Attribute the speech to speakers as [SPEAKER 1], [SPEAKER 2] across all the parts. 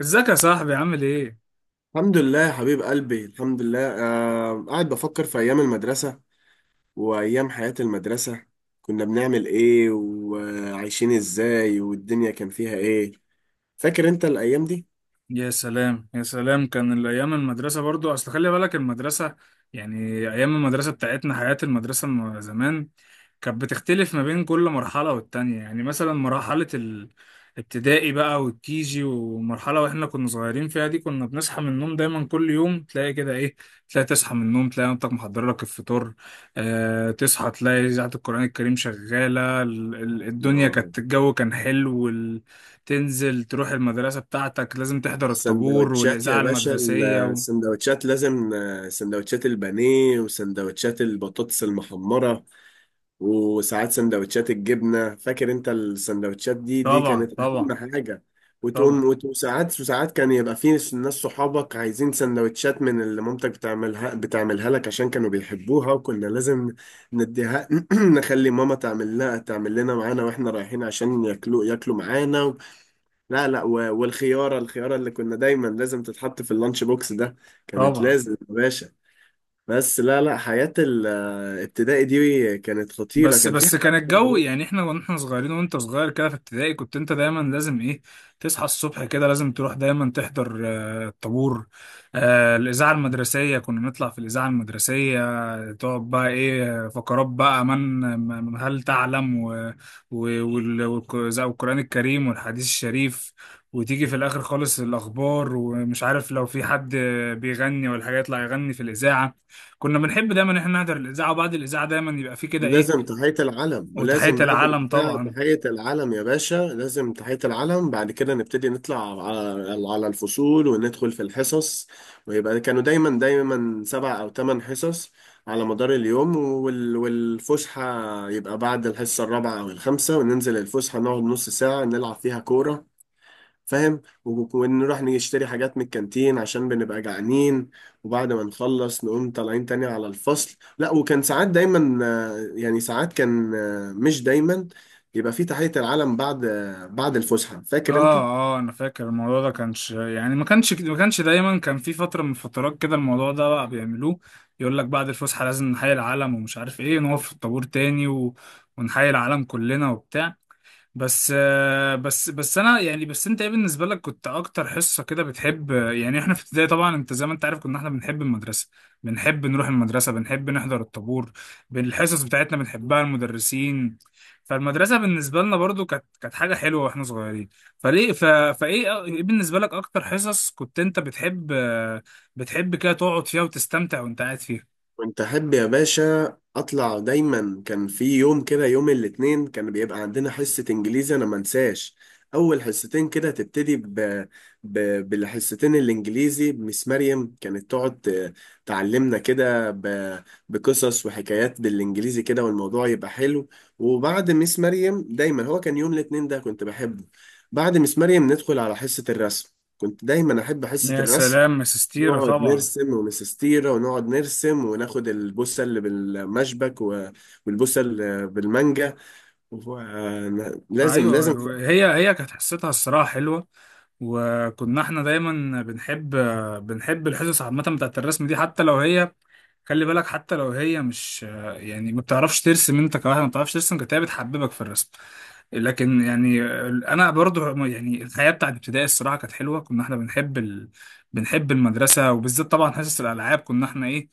[SPEAKER 1] ازيك يا صاحبي؟ عامل ايه؟
[SPEAKER 2] الحمد لله يا حبيب قلبي، الحمد لله. قاعد بفكر في أيام المدرسة وأيام حياة المدرسة. كنا بنعمل إيه وعايشين إزاي والدنيا كان فيها إيه؟ فاكر أنت الأيام دي؟
[SPEAKER 1] يا سلام، يا سلام. كان الايام المدرسه، برضو اصل خلي بالك المدرسه، يعني ايام المدرسه بتاعتنا، حياه المدرسه زمان كانت بتختلف ما بين كل مرحله والتانية. يعني مثلا مرحله الابتدائي بقى والكيجي ومرحله، واحنا كنا صغيرين فيها دي، كنا بنصحى من النوم دايما كل يوم، تلاقي كده ايه، تلاقي تصحى من النوم تلاقي مامتك محضره لك الفطار. تصحى تلاقي اذاعه القران الكريم شغاله، الدنيا
[SPEAKER 2] آه.
[SPEAKER 1] كانت، الجو كان حلو. تنزل تروح المدرسة بتاعتك لازم تحضر الطابور
[SPEAKER 2] السندوتشات يا
[SPEAKER 1] والإذاعة
[SPEAKER 2] باشا،
[SPEAKER 1] المدرسية
[SPEAKER 2] السندوتشات لازم، سندوتشات البانيه وسندوتشات البطاطس المحمرة، وساعات سندوتشات الجبنة. فاكر انت السندوتشات دي؟ دي
[SPEAKER 1] طبعا،
[SPEAKER 2] كانت اهم
[SPEAKER 1] طبعا،
[SPEAKER 2] حاجة. وتقوم
[SPEAKER 1] طبعا،
[SPEAKER 2] وساعات كان يبقى في ناس صحابك عايزين سندوتشات من اللي مامتك بتعملها لك عشان كانوا بيحبوها، وكنا لازم نديها. نخلي ماما تعمل لنا معانا واحنا رايحين عشان ياكلوا معانا لا، لا. والخيارة اللي كنا دايما لازم تتحط في اللانش بوكس ده، كانت
[SPEAKER 1] طبعا.
[SPEAKER 2] لازم يا باشا. بس لا، لا، حياة الابتدائي دي كانت خطيرة،
[SPEAKER 1] بس
[SPEAKER 2] كان في
[SPEAKER 1] بس كان
[SPEAKER 2] حاجة.
[SPEAKER 1] الجو، يعني احنا واحنا صغيرين، وانت صغير كده في ابتدائي، كنت انت دايما لازم ايه، تصحى الصبح كده لازم تروح دايما تحضر الطابور. الاذاعه المدرسيه، كنا نطلع في الاذاعه المدرسيه. تقعد بقى ايه فقرات بقى من هل تعلم، زي القران الكريم والحديث الشريف، وتيجي في الاخر خالص الاخبار، ومش عارف لو في حد بيغني ولا حاجه يطلع يغني في الاذاعه. كنا بنحب دايما ان احنا نحضر الاذاعه، وبعد الاذاعه دايما يبقى في كده ايه،
[SPEAKER 2] لازم تحية العلم،
[SPEAKER 1] وتحية
[SPEAKER 2] ولازم بعد
[SPEAKER 1] العلم
[SPEAKER 2] البتاع
[SPEAKER 1] طبعا.
[SPEAKER 2] تحية العلم يا باشا، لازم تحية العلم. بعد كده نبتدي نطلع على الفصول وندخل في الحصص. ويبقى كانوا دايما دايما 7 أو 8 حصص على مدار اليوم، والفسحة يبقى بعد الحصة الرابعة أو الخامسة. وننزل الفسحة نقعد نص ساعة نلعب فيها كورة. فاهم؟ ونروح نشتري حاجات من الكانتين عشان بنبقى جعانين. وبعد ما نخلص نقوم طالعين تاني على الفصل. لا، وكان ساعات دايما، يعني ساعات كان، مش دايما يبقى في تحية العلم بعد، بعد الفسحة.
[SPEAKER 1] اه،
[SPEAKER 2] فاكر انت؟
[SPEAKER 1] اه انا فاكر الموضوع ده، كانش يعني ما كانش ما كانش دايما، كان في فترة من فترات كده الموضوع ده بقى بيعملوه. يقول لك بعد الفسحة لازم نحيي العلم، ومش عارف ايه، نقف في الطابور تاني ونحيي العلم كلنا وبتاع. بس انا يعني، بس انت ايه بالنسبه لك، كنت اكتر حصه كده بتحب؟ يعني احنا في ابتدائي طبعا، انت زي ما انت عارف، كنا احنا بنحب المدرسه، بنحب نروح المدرسه، بنحب نحضر الطابور، بالحصص بتاعتنا بنحبها، المدرسين، فالمدرسه بالنسبه لنا برضو كانت حاجه حلوه واحنا صغيرين. فليه ف... فايه، ايه بالنسبه لك اكتر حصص كنت انت بتحب؟ بتحب كده تقعد فيها وتستمتع وانت قاعد فيها؟
[SPEAKER 2] كنت أحب يا باشا أطلع. دايما كان في يوم كده، يوم الاثنين، كان بيبقى عندنا حصة إنجليزي، أنا ما انساش. أول حصتين كده تبتدي بالحصتين الإنجليزي بمس مريم. كانت تقعد تعلمنا كده بقصص وحكايات بالإنجليزي كده، والموضوع يبقى حلو. وبعد مس مريم، دايما هو كان يوم الاثنين ده كنت بحبه. بعد مس مريم ندخل على حصة الرسم. كنت دايما أحب حصة
[SPEAKER 1] يا
[SPEAKER 2] الرسم.
[SPEAKER 1] سلام يا سستيرة،
[SPEAKER 2] نقعد
[SPEAKER 1] طبعا.
[SPEAKER 2] نرسم ونسستيرة ونقعد نرسم وناخد البوسة اللي بالمشبك والبوسة اللي بالمانجا و- لازم لازم.
[SPEAKER 1] ايوه، هي كانت حصتها الصراحه حلوه، وكنا احنا دايما بنحب الحصص عامه بتاعت الرسم دي، حتى لو هي، خلي بالك، حتى لو هي مش، يعني ما بتعرفش ترسم، انت كواحد ما بتعرفش ترسم، كانت هي بتحببك في الرسم. لكن يعني، انا برضو يعني الحياه بتاعت ابتدائي الصراحه كانت حلوه، كنا احنا بنحب ال... بنحب المدرسه. وبالذات طبعا حصص الالعاب، كنا احنا ايه،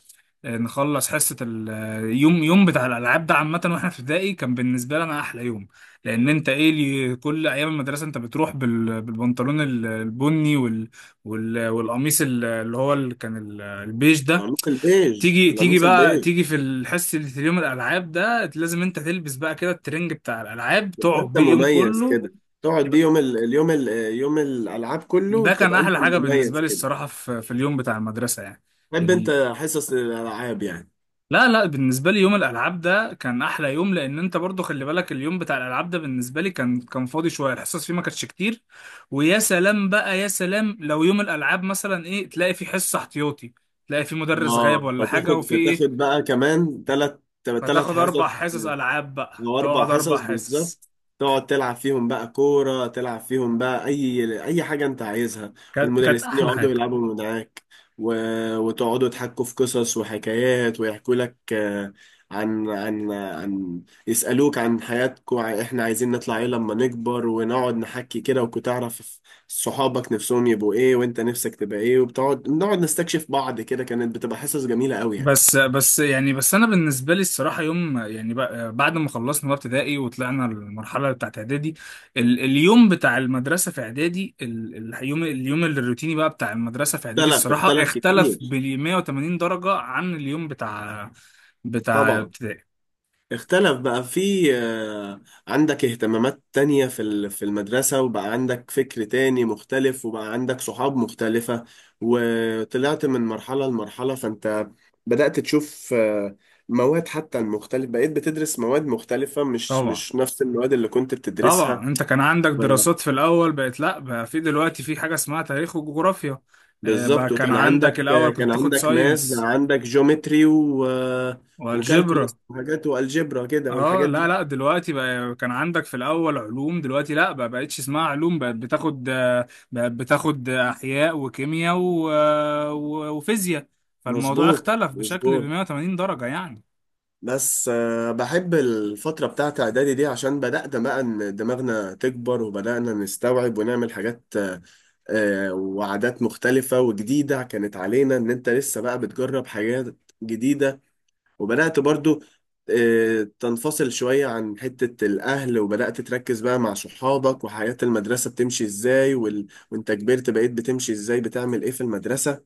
[SPEAKER 1] نخلص حصه اليوم، يوم بتاع الالعاب ده، عامه واحنا في ابتدائي كان بالنسبه لنا احلى يوم. لان انت ايه اللي كل ايام المدرسه انت بتروح بالبنطلون البني والقميص ال- اللي هو اللي كان ال- البيج ده،
[SPEAKER 2] القميص البيج،
[SPEAKER 1] تيجي تيجي
[SPEAKER 2] القميص
[SPEAKER 1] بقى
[SPEAKER 2] البيج.
[SPEAKER 1] تيجي في الحصه اللي في اليوم الالعاب ده لازم انت تلبس بقى كده الترنج بتاع الالعاب،
[SPEAKER 2] تبقى
[SPEAKER 1] تقعد
[SPEAKER 2] انت
[SPEAKER 1] بيه اليوم
[SPEAKER 2] مميز
[SPEAKER 1] كله.
[SPEAKER 2] كده. تقعد دي يوم ال... اليوم ال... يوم الالعاب كله،
[SPEAKER 1] ده كان
[SPEAKER 2] تبقى انت
[SPEAKER 1] احلى حاجه بالنسبه
[SPEAKER 2] المميز
[SPEAKER 1] لي
[SPEAKER 2] كده.
[SPEAKER 1] الصراحه في اليوم بتاع المدرسه يعني.
[SPEAKER 2] تحب انت حصص الالعاب يعني.
[SPEAKER 1] لا، لا، بالنسبة لي يوم الألعاب ده كان أحلى يوم، لأن أنت برضو خلي بالك، اليوم بتاع الألعاب ده بالنسبة لي كان فاضي شوية، الحصص فيه ما كانتش كتير. ويا سلام بقى، يا سلام لو يوم الألعاب مثلا إيه، تلاقي فيه حصة احتياطي، تلاقي فيه مدرس غايب
[SPEAKER 2] اه،
[SPEAKER 1] ولا حاجة،
[SPEAKER 2] فتاخد
[SPEAKER 1] وفي إيه،
[SPEAKER 2] فتاخد بقى كمان ثلاث
[SPEAKER 1] هتاخد
[SPEAKER 2] حصص،
[SPEAKER 1] أربع حصص ألعاب بقى،
[SPEAKER 2] او اربع
[SPEAKER 1] تقعد أربع
[SPEAKER 2] حصص
[SPEAKER 1] حصص.
[SPEAKER 2] بالظبط. تقعد تلعب فيهم بقى كوره، تلعب فيهم بقى اي حاجه انت عايزها.
[SPEAKER 1] كانت
[SPEAKER 2] والمدرسين
[SPEAKER 1] أحلى
[SPEAKER 2] يقعدوا
[SPEAKER 1] حاجة.
[SPEAKER 2] يلعبوا معاك و... وتقعدوا تحكوا في قصص وحكايات، ويحكوا لك، آه، عن عن عن يسألوك عن حياتكم، احنا عايزين نطلع ايه لما نكبر. ونقعد نحكي كده، وكنت تعرف صحابك نفسهم يبقوا ايه وانت نفسك تبقى ايه. وبتقعد نقعد نستكشف بعض كده، كانت بتبقى حصص جميلة قوي يعني.
[SPEAKER 1] بس يعني، بس انا بالنسبه لي الصراحه يوم، يعني بعد ما خلصنا بقى ابتدائي وطلعنا المرحله بتاعت اعدادي، اليوم بتاع المدرسه في اعدادي، اليوم الروتيني بقى بتاع المدرسه في اعدادي،
[SPEAKER 2] اختلف،
[SPEAKER 1] الصراحه
[SPEAKER 2] اختلف
[SPEAKER 1] اختلف ب
[SPEAKER 2] كتير.
[SPEAKER 1] 180 درجه عن اليوم بتاع
[SPEAKER 2] طبعا
[SPEAKER 1] ابتدائي.
[SPEAKER 2] اختلف بقى في، عندك اهتمامات تانية في في المدرسة، وبقى عندك فكر تاني مختلف، وبقى عندك صحاب مختلفة. وطلعت من مرحلة لمرحلة، فانت بدأت تشوف، مواد. حتى المختلف بقيت بتدرس مواد مختلفة، مش
[SPEAKER 1] طبعا،
[SPEAKER 2] مش نفس المواد اللي كنت
[SPEAKER 1] طبعا.
[SPEAKER 2] بتدرسها.
[SPEAKER 1] انت كان عندك
[SPEAKER 2] ف-
[SPEAKER 1] دراسات في الاول، بقت لا بقى في دلوقتي في حاجه اسمها تاريخ وجغرافيا. بقى
[SPEAKER 2] بالظبط.
[SPEAKER 1] كان
[SPEAKER 2] وكان
[SPEAKER 1] عندك
[SPEAKER 2] عندك،
[SPEAKER 1] الاول كنت
[SPEAKER 2] كان
[SPEAKER 1] بتاخد
[SPEAKER 2] عندك ماس، بقى
[SPEAKER 1] ساينس
[SPEAKER 2] عندك جيومتري و وكالكولاس
[SPEAKER 1] والجبرا.
[SPEAKER 2] وحاجات، والجبرا كده
[SPEAKER 1] اه،
[SPEAKER 2] والحاجات دي.
[SPEAKER 1] لا، لا دلوقتي بقى، كان عندك في الاول علوم، دلوقتي لا بقى بقتش اسمها علوم، بقت بتاخد، بقت بتاخد احياء وكيمياء وفيزياء. فالموضوع
[SPEAKER 2] مظبوط
[SPEAKER 1] اختلف بشكل ب
[SPEAKER 2] مظبوط.
[SPEAKER 1] 180 درجة يعني.
[SPEAKER 2] بس، بحب الفترة بتاعت إعدادي دي عشان بدأنا بقى إن دماغنا تكبر، وبدأنا نستوعب ونعمل حاجات، وعادات مختلفة وجديدة كانت علينا، إن أنت لسه بقى بتجرب حاجات جديدة. وبدأت برضو، تنفصل شوية عن حتة الأهل، وبدأت تركز بقى مع صحابك، وحياة المدرسة بتمشي إزاي. وأنت كبرت، بقيت بتمشي إزاي بتعمل إيه في المدرسة.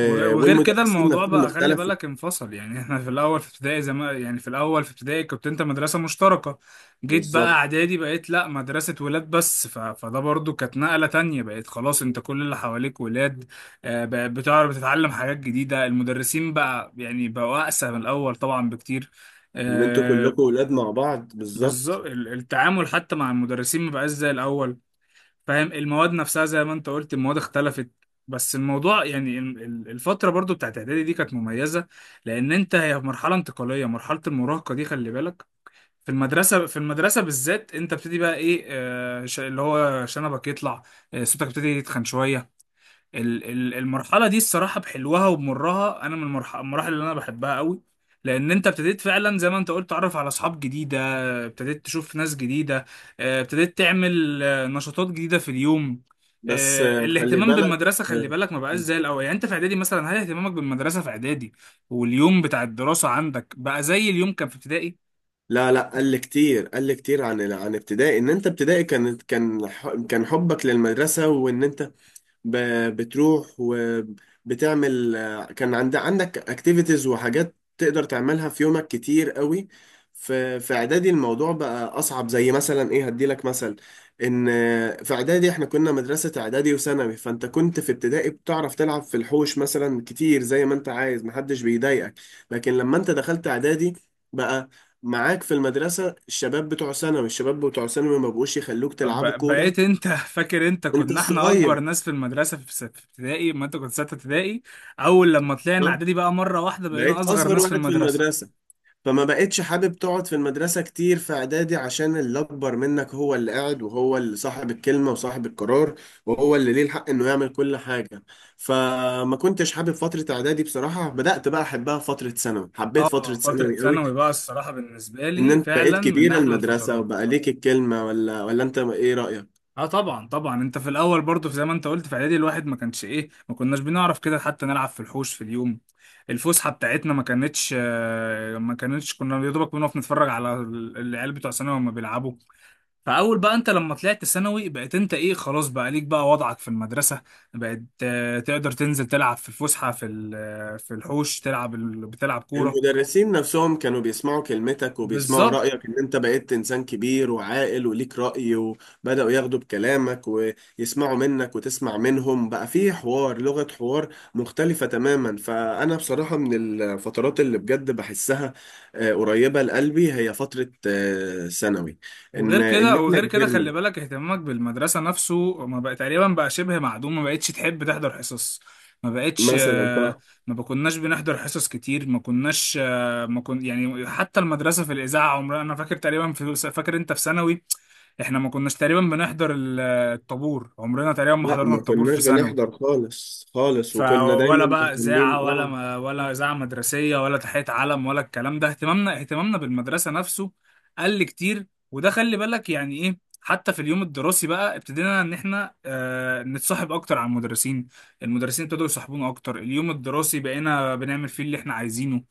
[SPEAKER 1] وغير كده
[SPEAKER 2] والمدرسين
[SPEAKER 1] الموضوع
[SPEAKER 2] نفسهم
[SPEAKER 1] بقى خلي
[SPEAKER 2] اختلفوا.
[SPEAKER 1] بالك انفصل. يعني احنا في الاول في ابتدائي، زي ما يعني في الاول في ابتدائي كنت انت مدرسه مشتركه، جيت بقى
[SPEAKER 2] بالظبط،
[SPEAKER 1] اعدادي بقيت لا، مدرسه ولاد بس. فده برضو كانت نقله تانية، بقيت خلاص انت كل اللي حواليك ولاد. بقى بتعرف تتعلم حاجات جديده، المدرسين بقى يعني بقوا اقسى من الاول طبعا بكتير.
[SPEAKER 2] ان انتوا
[SPEAKER 1] آه،
[SPEAKER 2] كلكم ولاد مع بعض. بالظبط.
[SPEAKER 1] بالظبط. التعامل حتى مع المدرسين مبقاش زي الاول، فاهم. المواد نفسها زي ما انت قلت، المواد اختلفت. بس الموضوع يعني، الفترة برضو بتاعت اعدادي دي كانت مميزة، لان انت هي مرحلة انتقالية، مرحلة المراهقة دي خلي بالك في المدرسة بالذات انت بتبتدي بقى ايه، اللي هو شنبك يطلع، صوتك بتبتدي يتخن شوية. المرحله دي الصراحه بحلوها وبمرها، انا من المراحل اللي انا بحبها قوي. لان انت ابتديت فعلا زي ما انت قلت تعرف على اصحاب جديده، ابتديت تشوف ناس جديده، ابتديت تعمل نشاطات جديده في اليوم.
[SPEAKER 2] بس، خلي
[SPEAKER 1] الاهتمام
[SPEAKER 2] بالك.
[SPEAKER 1] بالمدرسه خلي
[SPEAKER 2] آه،
[SPEAKER 1] بالك ما بقاش زي الاول. يعني انت في اعدادي مثلا، هل اهتمامك بالمدرسه في اعدادي واليوم بتاع الدراسه عندك بقى زي اليوم كان في ابتدائي؟
[SPEAKER 2] لا، لا، قل كتير، قل كتير، عن ابتدائي. ان انت ابتدائي كان حبك للمدرسة، وان انت بتروح وبتعمل. كان عندك اكتيفيتيز وحاجات تقدر تعملها في يومك كتير قوي. في اعدادي الموضوع بقى اصعب. زي مثلا ايه؟ هديلك مثل، ان في اعدادي احنا كنا مدرسة اعدادي وثانوي، فانت كنت في ابتدائي بتعرف تلعب في الحوش مثلا كتير زي ما انت عايز، محدش بيضايقك. لكن لما انت دخلت اعدادي، بقى معاك في المدرسة الشباب بتوع ثانوي. الشباب بتوع ثانوي ما بقوش يخلوك تلعبوا كورة.
[SPEAKER 1] بقيت انت فاكر انت
[SPEAKER 2] انت
[SPEAKER 1] كنا احنا اكبر
[SPEAKER 2] الصغير،
[SPEAKER 1] ناس في المدرسه، في في ابتدائي ما انت كنت سته ابتدائي. اول لما طلعنا اعدادي بقى مره واحده بقينا
[SPEAKER 2] بقيت
[SPEAKER 1] اصغر
[SPEAKER 2] اصغر
[SPEAKER 1] ناس في
[SPEAKER 2] واحد في
[SPEAKER 1] المدرسه.
[SPEAKER 2] المدرسه. فما بقتش حابب تقعد في المدرسه كتير في اعدادي، عشان اللي اكبر منك هو اللي قاعد، وهو اللي صاحب الكلمه وصاحب القرار، وهو اللي ليه الحق انه يعمل كل حاجه. فما كنتش حابب فتره اعدادي بصراحه. بدات بقى احبها فتره ثانوي، حبيت فتره
[SPEAKER 1] اه، فتره
[SPEAKER 2] ثانوي قوي.
[SPEAKER 1] ثانوي بقى الصراحه بالنسبه
[SPEAKER 2] ان
[SPEAKER 1] لي
[SPEAKER 2] انت بقيت
[SPEAKER 1] فعلا من
[SPEAKER 2] كبير
[SPEAKER 1] احلى
[SPEAKER 2] المدرسه
[SPEAKER 1] الفترات.
[SPEAKER 2] وبقى ليك الكلمه، ولا انت ايه رايك؟
[SPEAKER 1] اه طبعا، طبعا. انت في الاول برضه زي ما انت قلت في اعدادي، الواحد ما كانش ايه، ما كناش بنعرف كده حتى نلعب في الحوش في اليوم. الفسحه بتاعتنا ما كانتش، كنا يا دوبك بنقف نتفرج على العيال بتوع ثانوي وهم بيلعبوا. فاول بقى انت لما طلعت ثانوي بقيت انت ايه، خلاص بقى ليك بقى وضعك في المدرسه، بقيت تقدر تنزل تلعب في الفسحه في في الحوش، تلعب ال- بتلعب كوره.
[SPEAKER 2] المدرسين نفسهم كانوا بيسمعوا كلمتك وبيسمعوا
[SPEAKER 1] بالظبط.
[SPEAKER 2] رأيك، ان انت بقيت انسان كبير وعاقل وليك رأي، وبدأوا ياخدوا بكلامك ويسمعوا منك وتسمع منهم. بقى فيه حوار، لغة حوار مختلفة تماما. فأنا بصراحة من الفترات اللي بجد بحسها، قريبة لقلبي، هي فترة، ثانوي. ان
[SPEAKER 1] وغير
[SPEAKER 2] ان
[SPEAKER 1] كده
[SPEAKER 2] احنا
[SPEAKER 1] خلي
[SPEAKER 2] كبرنا
[SPEAKER 1] بالك اهتمامك بالمدرسة نفسه ما بقى، تقريبا بقى شبه معدوم، ما بقتش تحب تحضر حصص، ما بقتش،
[SPEAKER 2] مثلا، صح.
[SPEAKER 1] ما كناش بنحضر حصص كتير، ما كناش آه، ما كن يعني حتى المدرسة في الإذاعة، عمرنا، أنا فاكر تقريبا في فاكر أنت في ثانوي احنا ما كناش تقريبا بنحضر الطابور، عمرنا تقريبا ما
[SPEAKER 2] لا،
[SPEAKER 1] حضرنا
[SPEAKER 2] ما
[SPEAKER 1] الطابور في
[SPEAKER 2] كناش بنحضر
[SPEAKER 1] ثانوي.
[SPEAKER 2] خالص خالص، وكنا
[SPEAKER 1] فولا
[SPEAKER 2] دايما
[SPEAKER 1] بقى
[SPEAKER 2] مهتمين.
[SPEAKER 1] إذاعة، ولا
[SPEAKER 2] اه،
[SPEAKER 1] ما ولا إذاعة مدرسية، ولا تحية علم، ولا الكلام ده. اهتمامنا بالمدرسة نفسه قل كتير. وده خلي بالك يعني إيه، حتى في اليوم الدراسي بقى ابتدينا إن إحنا نتصاحب أكتر على المدرسين، المدرسين ابتدوا يصاحبونا أكتر. اليوم الدراسي بقينا بنعمل فيه اللي إحنا عايزينه،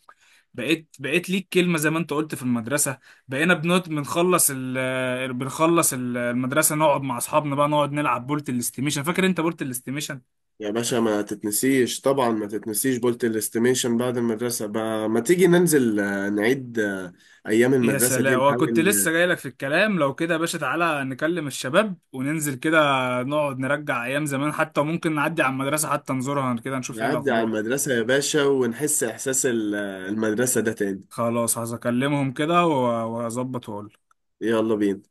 [SPEAKER 1] بقيت ليك كلمة زي ما أنت قلت في المدرسة. بقينا بنقعد بنخلص ال آه، بنخلص ال- المدرسة نقعد مع أصحابنا بقى، نقعد نلعب بولت الاستيميشن. فاكر أنت بولت الاستيميشن؟
[SPEAKER 2] يا باشا ما تتنسيش، طبعا ما تتنسيش بولت الاستيميشن بعد المدرسة. بقى ما تيجي ننزل، نعيد، أيام
[SPEAKER 1] يا
[SPEAKER 2] المدرسة دي،
[SPEAKER 1] سلام،
[SPEAKER 2] نحاول
[SPEAKER 1] وكنت لسه جايلك في الكلام، لو كده يا باشا تعالى نكلم الشباب وننزل كده، نقعد نرجع ايام زمان، حتى ممكن نعدي على المدرسة، حتى نزورها كده نشوف ايه
[SPEAKER 2] نعدي على
[SPEAKER 1] الاخبار.
[SPEAKER 2] المدرسة يا باشا، ونحس إحساس المدرسة ده تاني.
[SPEAKER 1] خلاص هكلمهم كده واظبط واقول.
[SPEAKER 2] يلا بينا.